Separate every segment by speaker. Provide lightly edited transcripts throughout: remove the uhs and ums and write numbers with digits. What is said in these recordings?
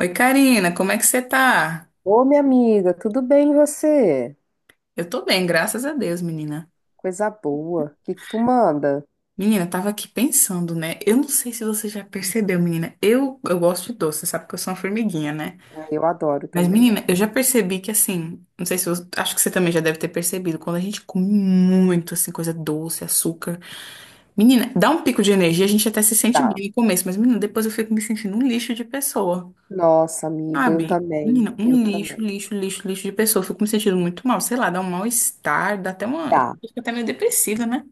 Speaker 1: Oi, Karina, como é que você tá?
Speaker 2: Ô, minha amiga, tudo bem e você?
Speaker 1: Eu tô bem, graças a Deus, menina.
Speaker 2: Coisa boa. O que que tu manda?
Speaker 1: Menina, eu tava aqui pensando, né? Eu não sei se você já percebeu, menina. Eu gosto de doce, você sabe que eu sou uma formiguinha, né?
Speaker 2: Ah, eu adoro
Speaker 1: Mas,
Speaker 2: também.
Speaker 1: menina, eu já percebi que, assim, não sei se você, acho que você também já deve ter percebido, quando a gente come muito, assim, coisa doce, açúcar. Menina, dá um pico de energia, a gente até se sente
Speaker 2: Dá.
Speaker 1: bem no começo, mas, menina, depois eu fico me sentindo um lixo de pessoa.
Speaker 2: Nossa, amiga, eu
Speaker 1: Sabe,
Speaker 2: também.
Speaker 1: menina,
Speaker 2: Eu
Speaker 1: um lixo,
Speaker 2: também.
Speaker 1: lixo, lixo, lixo de pessoa. Eu fico me sentindo muito mal, sei lá, dá um mal-estar, dá até uma.
Speaker 2: Dá.
Speaker 1: Fica até meio depressiva, né?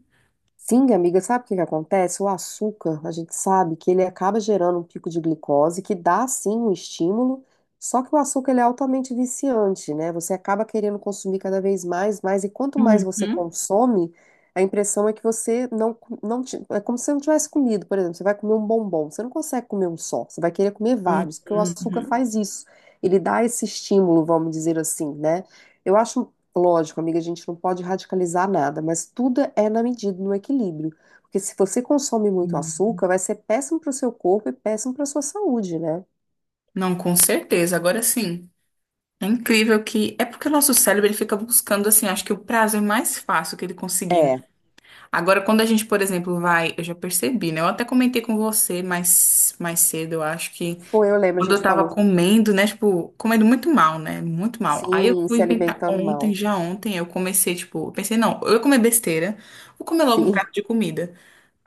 Speaker 2: Sim, amiga, sabe o que que acontece? O açúcar, a gente sabe que ele acaba gerando um pico de glicose, que dá sim um estímulo, só que o açúcar ele é altamente viciante, né? Você acaba querendo consumir cada vez mais, mais, e quanto mais você
Speaker 1: Uhum,
Speaker 2: consome, a impressão é que você é como se você não tivesse comido, por exemplo, você vai comer um bombom, você não consegue comer um só, você vai querer comer
Speaker 1: uhum,
Speaker 2: vários, porque o açúcar
Speaker 1: uhum,
Speaker 2: faz isso, ele dá esse estímulo, vamos dizer assim, né? Eu acho Lógico, amiga, a gente não pode radicalizar nada, mas tudo é na medida, no equilíbrio. Porque se você consome muito
Speaker 1: uhum.
Speaker 2: açúcar, vai ser péssimo para o seu corpo e péssimo para a sua saúde, né?
Speaker 1: Não, com certeza. Agora sim, é incrível que. É porque o nosso cérebro ele fica buscando, assim, acho que o prazer mais fácil que ele conseguir, né?
Speaker 2: É,
Speaker 1: Agora, quando a gente, por exemplo, vai. Eu já percebi, né? Eu até comentei com você mais cedo, eu acho que.
Speaker 2: foi, eu lembro, a
Speaker 1: Quando eu
Speaker 2: gente
Speaker 1: tava
Speaker 2: falou,
Speaker 1: comendo, né? Tipo, comendo muito mal, né? Muito mal. Aí eu
Speaker 2: sim,
Speaker 1: fui
Speaker 2: se
Speaker 1: inventar
Speaker 2: alimentando
Speaker 1: ontem,
Speaker 2: mal.
Speaker 1: já ontem, eu comecei, tipo, eu pensei, não, eu ia comer besteira, vou comer logo um
Speaker 2: Sim.
Speaker 1: prato de comida.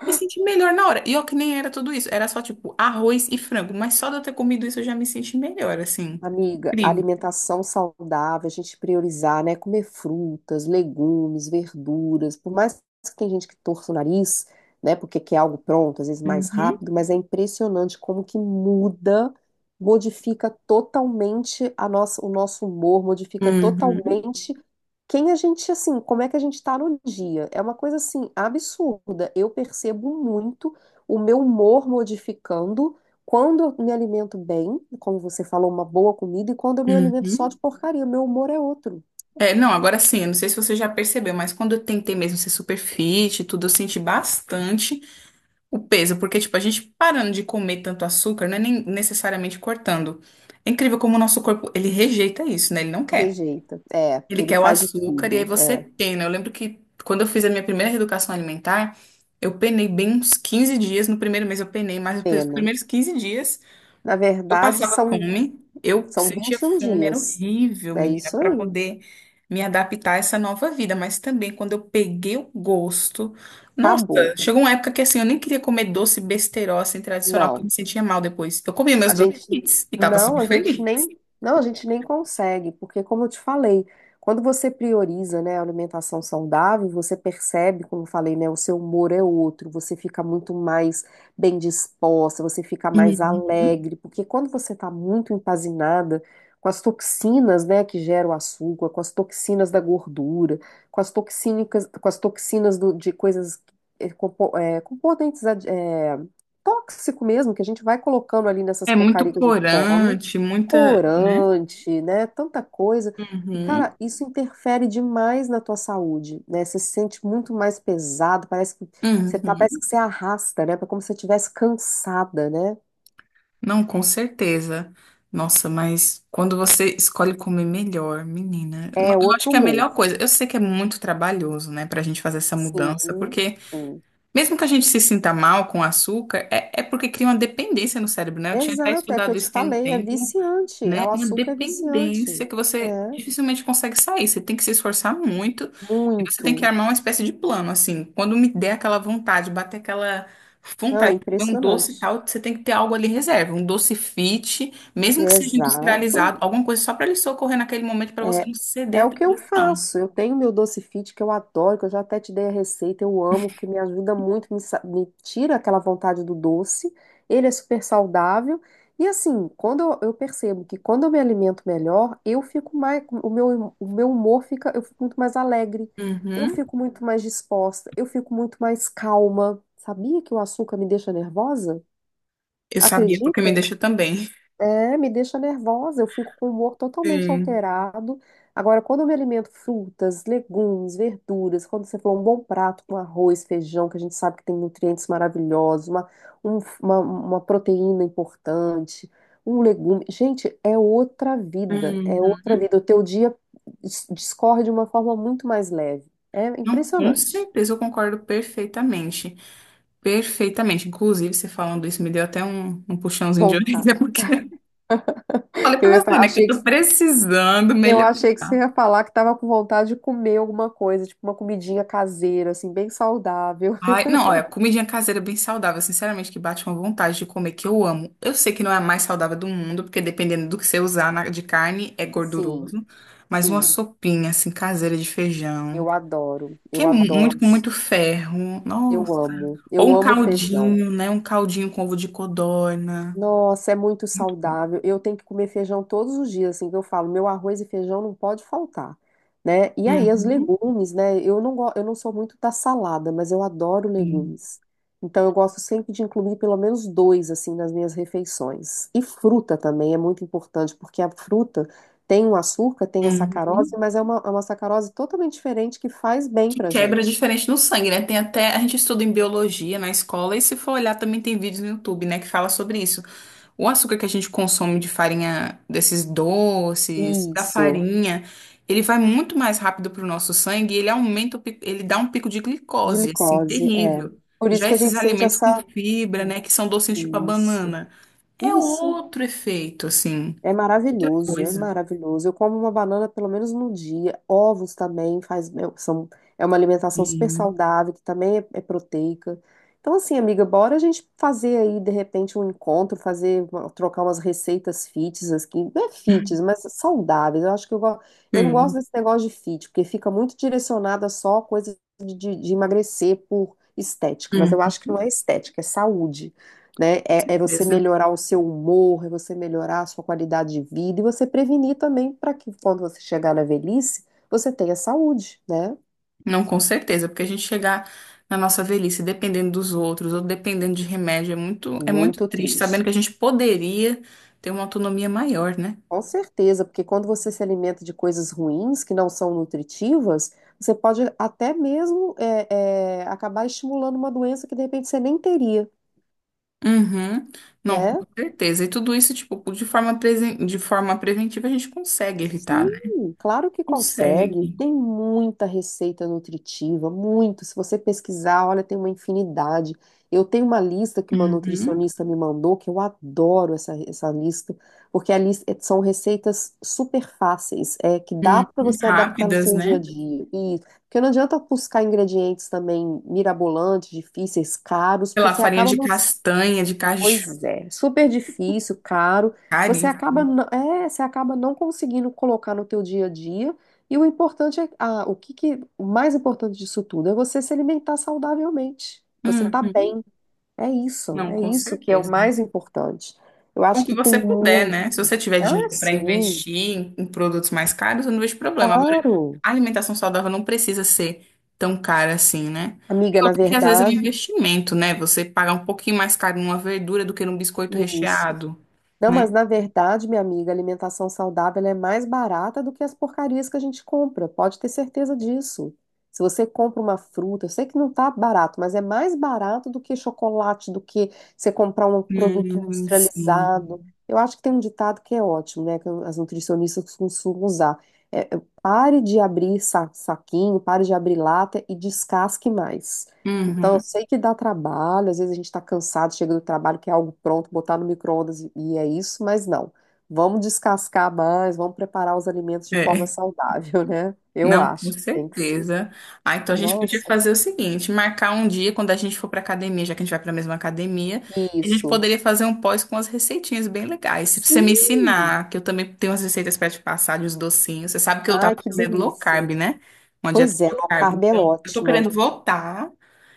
Speaker 1: Me senti melhor na hora. E ó, que nem era tudo isso. Era só, tipo, arroz e frango. Mas só de eu ter comido isso eu já me senti melhor, assim.
Speaker 2: Amiga,
Speaker 1: Incrível.
Speaker 2: alimentação saudável, a gente priorizar, né? Comer frutas, legumes, verduras, por mais que tem gente que torça o nariz, né? Porque quer algo pronto, às vezes mais
Speaker 1: Uhum.
Speaker 2: rápido, mas é impressionante como que muda, modifica totalmente a nossa, o nosso humor, modifica
Speaker 1: Uhum.
Speaker 2: totalmente quem a gente, assim, como é que a gente tá no dia. É uma coisa, assim, absurda. Eu percebo muito o meu humor modificando quando eu me alimento bem, como você falou, uma boa comida, e quando eu me alimento só de
Speaker 1: Uhum.
Speaker 2: porcaria, meu humor é outro.
Speaker 1: É, não, agora sim, eu não sei se você já percebeu, mas quando eu tentei mesmo ser super fit e tudo, eu senti bastante. O peso, porque, tipo, a gente parando de comer tanto açúcar, não é nem necessariamente cortando. É incrível como o nosso corpo, ele rejeita isso, né? Ele não quer.
Speaker 2: Rejeita. É,
Speaker 1: Ele
Speaker 2: ele
Speaker 1: quer o
Speaker 2: faz de
Speaker 1: açúcar e aí
Speaker 2: tudo.
Speaker 1: você
Speaker 2: É,
Speaker 1: pena. Eu lembro que quando eu fiz a minha primeira reeducação alimentar, eu penei bem uns 15 dias. No primeiro mês eu penei, mas os
Speaker 2: pena.
Speaker 1: primeiros 15 dias
Speaker 2: Na
Speaker 1: eu
Speaker 2: verdade,
Speaker 1: passava
Speaker 2: são,
Speaker 1: fome, eu
Speaker 2: são
Speaker 1: sentia
Speaker 2: 21
Speaker 1: fome, era
Speaker 2: dias.
Speaker 1: horrível,
Speaker 2: É
Speaker 1: menina,
Speaker 2: isso
Speaker 1: para
Speaker 2: aí.
Speaker 1: poder me adaptar a essa nova vida. Mas também, quando eu peguei o gosto, nossa,
Speaker 2: Acabou.
Speaker 1: chegou uma época que assim, eu nem queria comer doce besteirol, assim, tradicional, porque eu me
Speaker 2: Não.
Speaker 1: sentia mal depois. Eu comia meus
Speaker 2: A gente
Speaker 1: doces e tava super feliz.
Speaker 2: a gente nem consegue, porque como eu te falei, quando você prioriza, né, a alimentação saudável, você percebe, como eu falei, né, o seu humor é outro, você fica muito mais bem disposta, você fica mais
Speaker 1: Uhum.
Speaker 2: alegre, porque quando você está muito empazinada com as toxinas, né, que geram o açúcar, com as toxinas da gordura, com as toxínicas, com as toxinas de coisas componentes tóxico mesmo que a gente vai colocando ali nessas
Speaker 1: É muito
Speaker 2: porcarias que a gente come,
Speaker 1: corante, muita, né?
Speaker 2: corante, né? Tanta coisa. E,
Speaker 1: Uhum.
Speaker 2: cara, isso interfere demais na tua saúde, né? Você se sente muito mais pesado, parece que você tá,
Speaker 1: Uhum.
Speaker 2: parece que você arrasta, né? É como se você estivesse cansada, né?
Speaker 1: Não, com certeza. Nossa, mas quando você escolhe comer melhor, menina,
Speaker 2: É
Speaker 1: eu acho
Speaker 2: outro
Speaker 1: que é a melhor
Speaker 2: humor.
Speaker 1: coisa. Eu sei que é muito trabalhoso, né, pra gente fazer essa mudança,
Speaker 2: Sim,
Speaker 1: porque
Speaker 2: sim.
Speaker 1: mesmo que a gente se sinta mal com o açúcar, é porque cria uma dependência no cérebro, né? Eu tinha até
Speaker 2: Exato, é o que eu
Speaker 1: estudado
Speaker 2: te
Speaker 1: isso tem um
Speaker 2: falei, é
Speaker 1: tempo,
Speaker 2: viciante.
Speaker 1: né?
Speaker 2: O
Speaker 1: Uma
Speaker 2: açúcar é viciante.
Speaker 1: dependência que você
Speaker 2: É,
Speaker 1: dificilmente consegue sair. Você tem que se esforçar muito e você tem que
Speaker 2: muito.
Speaker 1: armar uma espécie de plano, assim. Quando me der aquela vontade, bater aquela
Speaker 2: Não, é
Speaker 1: vontade de comer um doce e
Speaker 2: impressionante.
Speaker 1: tal, você tem que ter algo ali em reserva, um doce fit, mesmo que seja
Speaker 2: Exato.
Speaker 1: industrializado, alguma coisa só para ele socorrer naquele momento para você
Speaker 2: É,
Speaker 1: não ceder
Speaker 2: é
Speaker 1: à
Speaker 2: o que eu
Speaker 1: tentação.
Speaker 2: faço. Eu tenho meu doce fit que eu adoro, que eu já até te dei a receita, eu amo, porque me ajuda muito, me tira aquela vontade do doce. Ele é super saudável. E assim, eu percebo que quando eu me alimento melhor, eu fico mais, o meu humor fica, eu fico muito mais alegre, eu
Speaker 1: Uhum.
Speaker 2: fico muito mais disposta, eu fico muito mais calma. Sabia que o açúcar me deixa nervosa?
Speaker 1: Eu sabia porque me
Speaker 2: Acredita?
Speaker 1: deixa também.
Speaker 2: É, me deixa nervosa, eu fico com o humor totalmente
Speaker 1: Sim.
Speaker 2: alterado. Agora, quando eu me alimento frutas, legumes, verduras, quando você falou um bom prato com arroz, feijão, que a gente sabe que tem nutrientes maravilhosos, uma proteína importante, um legume. Gente, é outra vida, é outra
Speaker 1: Uhum.
Speaker 2: vida. O teu dia discorre de uma forma muito mais leve. É
Speaker 1: Não, com
Speaker 2: impressionante.
Speaker 1: certeza eu concordo perfeitamente. Perfeitamente. Inclusive, você falando isso me deu até um puxãozinho de orelha,
Speaker 2: Vontade.
Speaker 1: porque falei pra
Speaker 2: Eu ia
Speaker 1: você,
Speaker 2: falar,
Speaker 1: né, que eu
Speaker 2: achei que
Speaker 1: tô precisando
Speaker 2: Eu achei que você
Speaker 1: melhorar.
Speaker 2: ia falar que tava com vontade de comer alguma coisa, tipo uma comidinha caseira, assim, bem saudável.
Speaker 1: Ai, não, olha, comidinha caseira bem saudável, sinceramente, que bate uma vontade de comer, que eu amo. Eu sei que não é a mais saudável do mundo, porque dependendo do que você usar de carne, é
Speaker 2: Sim,
Speaker 1: gorduroso. Mas uma
Speaker 2: sim,
Speaker 1: sopinha, assim, caseira de feijão,
Speaker 2: eu adoro,
Speaker 1: que
Speaker 2: eu
Speaker 1: é muito
Speaker 2: adoro,
Speaker 1: com muito ferro, nossa. Ou
Speaker 2: eu
Speaker 1: um
Speaker 2: amo feijão.
Speaker 1: caldinho, né, um caldinho com ovo de codorna.
Speaker 2: Nossa, é muito
Speaker 1: Muito bom.
Speaker 2: saudável. Eu tenho que comer feijão todos os dias, assim que eu falo, meu arroz e feijão não pode faltar, né? E aí os
Speaker 1: Uhum.
Speaker 2: legumes, né? Eu não go... eu não sou muito da salada, mas eu adoro
Speaker 1: Sim.
Speaker 2: legumes. Então eu gosto sempre de incluir pelo menos dois assim nas minhas refeições. E fruta também é muito importante, porque a fruta tem o açúcar, tem a sacarose,
Speaker 1: Uhum.
Speaker 2: mas é uma sacarose totalmente diferente que faz bem
Speaker 1: Que
Speaker 2: pra
Speaker 1: quebra
Speaker 2: gente.
Speaker 1: diferente no sangue, né? Tem até, a gente estuda em biologia na escola e se for olhar também tem vídeos no YouTube, né, que fala sobre isso. O açúcar que a gente consome de farinha, desses doces, da
Speaker 2: Isso,
Speaker 1: farinha, ele vai muito mais rápido para o nosso sangue e ele aumenta, ele dá um pico de
Speaker 2: de
Speaker 1: glicose, assim,
Speaker 2: glicose, é.
Speaker 1: terrível.
Speaker 2: Por isso
Speaker 1: Já
Speaker 2: que a
Speaker 1: esses
Speaker 2: gente sente
Speaker 1: alimentos com
Speaker 2: essa
Speaker 1: fibra,
Speaker 2: hum,
Speaker 1: né, que são docinhos tipo a
Speaker 2: Isso.
Speaker 1: banana, é
Speaker 2: Isso
Speaker 1: outro efeito, assim,
Speaker 2: é
Speaker 1: outra
Speaker 2: maravilhoso, é
Speaker 1: coisa.
Speaker 2: maravilhoso. Eu como uma banana pelo menos no dia. Ovos também faz, são, é uma alimentação super
Speaker 1: Sim,
Speaker 2: saudável, que também é proteica. Então, assim, amiga, bora a gente fazer aí, de repente, um encontro, fazer, uma- trocar umas receitas fits aqui. Não é fits, mas saudáveis. Eu acho que eu, go- eu não gosto
Speaker 1: sim,
Speaker 2: desse negócio de fit, porque fica muito direcionada só a coisa de emagrecer por estética. Mas
Speaker 1: hum,
Speaker 2: eu acho que não é estética, é saúde né?
Speaker 1: com
Speaker 2: É você
Speaker 1: certeza.
Speaker 2: melhorar o seu humor, é você melhorar a sua qualidade de vida e você prevenir também para que quando você chegar na velhice, você tenha saúde, né?
Speaker 1: Não, com certeza, porque a gente chegar na nossa velhice dependendo dos outros ou dependendo de remédio é muito
Speaker 2: Muito
Speaker 1: triste, sabendo
Speaker 2: triste.
Speaker 1: que a gente poderia ter uma autonomia maior, né?
Speaker 2: Com certeza, porque quando você se alimenta de coisas ruins que não são nutritivas, você pode até mesmo acabar estimulando uma doença que de repente você nem teria,
Speaker 1: Uhum. Não, com
Speaker 2: né?
Speaker 1: certeza. E tudo isso, tipo, de forma, de forma preventiva a gente consegue evitar,
Speaker 2: Sim,
Speaker 1: né?
Speaker 2: claro que consegue.
Speaker 1: Consegue.
Speaker 2: Tem muita receita nutritiva, muito. Se você pesquisar, olha, tem uma infinidade. Eu tenho uma lista que uma
Speaker 1: Uhum.
Speaker 2: nutricionista me mandou, que eu adoro essa lista, porque a lista, são receitas super fáceis, que dá
Speaker 1: Uhum.
Speaker 2: para você adaptar no
Speaker 1: Rápidas,
Speaker 2: seu dia a
Speaker 1: né?
Speaker 2: dia. E, porque não adianta buscar ingredientes também mirabolantes, difíceis, caros,
Speaker 1: Sei
Speaker 2: porque
Speaker 1: lá,
Speaker 2: você
Speaker 1: farinha
Speaker 2: acaba
Speaker 1: de
Speaker 2: não
Speaker 1: castanha, de caju,
Speaker 2: Pois é, super difícil, caro.
Speaker 1: cari.
Speaker 2: Você acaba não conseguindo colocar no teu dia a dia. E o importante é, ah, o mais importante disso tudo é você se alimentar saudavelmente. Você tá
Speaker 1: Uhum.
Speaker 2: bem.
Speaker 1: Não,
Speaker 2: É
Speaker 1: com
Speaker 2: isso que é o
Speaker 1: certeza.
Speaker 2: mais importante. Eu
Speaker 1: Com o
Speaker 2: acho
Speaker 1: que
Speaker 2: que tem
Speaker 1: você puder,
Speaker 2: muito.
Speaker 1: né? Se você tiver
Speaker 2: Ah,
Speaker 1: dinheiro para
Speaker 2: sim,
Speaker 1: investir em produtos mais caros, eu não vejo problema. Agora,
Speaker 2: claro.
Speaker 1: a alimentação saudável não precisa ser tão cara assim, né? E
Speaker 2: Amiga, na
Speaker 1: outro que às vezes é um
Speaker 2: verdade,
Speaker 1: investimento, né? Você pagar um pouquinho mais caro numa verdura do que num biscoito
Speaker 2: isso.
Speaker 1: recheado,
Speaker 2: Não, mas
Speaker 1: né?
Speaker 2: na verdade, minha amiga, a alimentação saudável ela é mais barata do que as porcarias que a gente compra. Pode ter certeza disso. Se você compra uma fruta, eu sei que não tá barato, mas é mais barato do que chocolate, do que você comprar um produto industrializado.
Speaker 1: Sim.
Speaker 2: Eu acho que tem um ditado que é ótimo, né? Que as nutricionistas costumam usar. Pare de abrir saquinho, pare de abrir lata e descasque mais. Então, eu
Speaker 1: Uhum.
Speaker 2: sei que dá trabalho, às vezes a gente está cansado, chega do trabalho, quer algo pronto, botar no micro-ondas e é isso, mas não. Vamos descascar mais, vamos preparar os alimentos de forma
Speaker 1: É.
Speaker 2: saudável, né? Eu
Speaker 1: Não, com
Speaker 2: acho que tem que ser.
Speaker 1: certeza. Ah, então a gente
Speaker 2: Nossa,
Speaker 1: podia fazer o seguinte, marcar um dia quando a gente for para academia, já que a gente vai para a mesma academia, a gente
Speaker 2: isso.
Speaker 1: poderia fazer um pós com as receitinhas bem legais. Se você me
Speaker 2: Sim!
Speaker 1: ensinar, que eu também tenho as receitas para te passar de os docinhos. Você sabe que eu tava
Speaker 2: Ai, que
Speaker 1: fazendo low
Speaker 2: delícia.
Speaker 1: carb, né? Uma dieta
Speaker 2: Pois é,
Speaker 1: low
Speaker 2: low
Speaker 1: carb.
Speaker 2: carb é
Speaker 1: Então, eu tô querendo
Speaker 2: ótima.
Speaker 1: voltar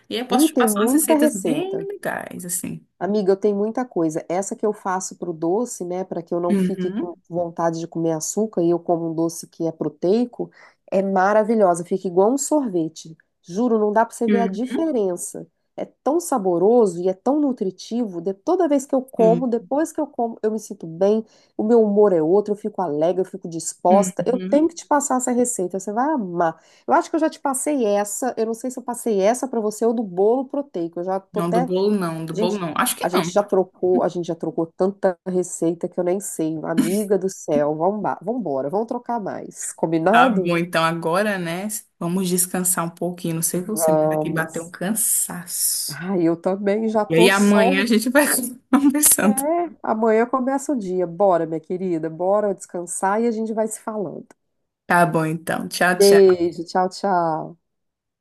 Speaker 1: e eu posso
Speaker 2: E
Speaker 1: te
Speaker 2: tem
Speaker 1: passar umas
Speaker 2: muita
Speaker 1: receitas bem
Speaker 2: receita.
Speaker 1: legais, assim.
Speaker 2: Amiga, eu tenho muita coisa. Essa que eu faço pro doce, né, para que eu não fique com
Speaker 1: Uhum.
Speaker 2: vontade de comer açúcar e eu como um doce que é proteico, é maravilhosa. Fica igual um sorvete. Juro, não dá para você ver a
Speaker 1: Uhum.
Speaker 2: diferença. É tão saboroso e é tão nutritivo. Toda vez que eu
Speaker 1: Sim.
Speaker 2: como, depois que eu como, eu me sinto bem, o meu humor é outro, eu fico alegre, eu fico disposta. Eu tenho
Speaker 1: Uhum.
Speaker 2: que te passar essa receita, você vai amar. Eu acho que eu já te passei essa. Eu não sei se eu passei essa para você ou do bolo proteico. Eu já tô
Speaker 1: Não, do
Speaker 2: até
Speaker 1: bolo não, do
Speaker 2: a
Speaker 1: bolo
Speaker 2: gente,
Speaker 1: não. Acho que
Speaker 2: a
Speaker 1: não.
Speaker 2: gente já trocou, a gente já trocou tanta receita que eu nem sei. Amiga do céu, vamos embora, vamos trocar mais.
Speaker 1: Tá
Speaker 2: Combinado?
Speaker 1: bom, então agora, né? Vamos descansar um pouquinho. Não sei você, mas aqui bateu um
Speaker 2: Vamos.
Speaker 1: cansaço.
Speaker 2: Ai, eu também já
Speaker 1: E aí
Speaker 2: tô
Speaker 1: amanhã a
Speaker 2: só.
Speaker 1: gente vai conversando.
Speaker 2: Amanhã começa o dia. Bora, minha querida, bora descansar e a gente vai se falando.
Speaker 1: Tá bom, então. Tchau, tchau.
Speaker 2: Beijo, tchau, tchau.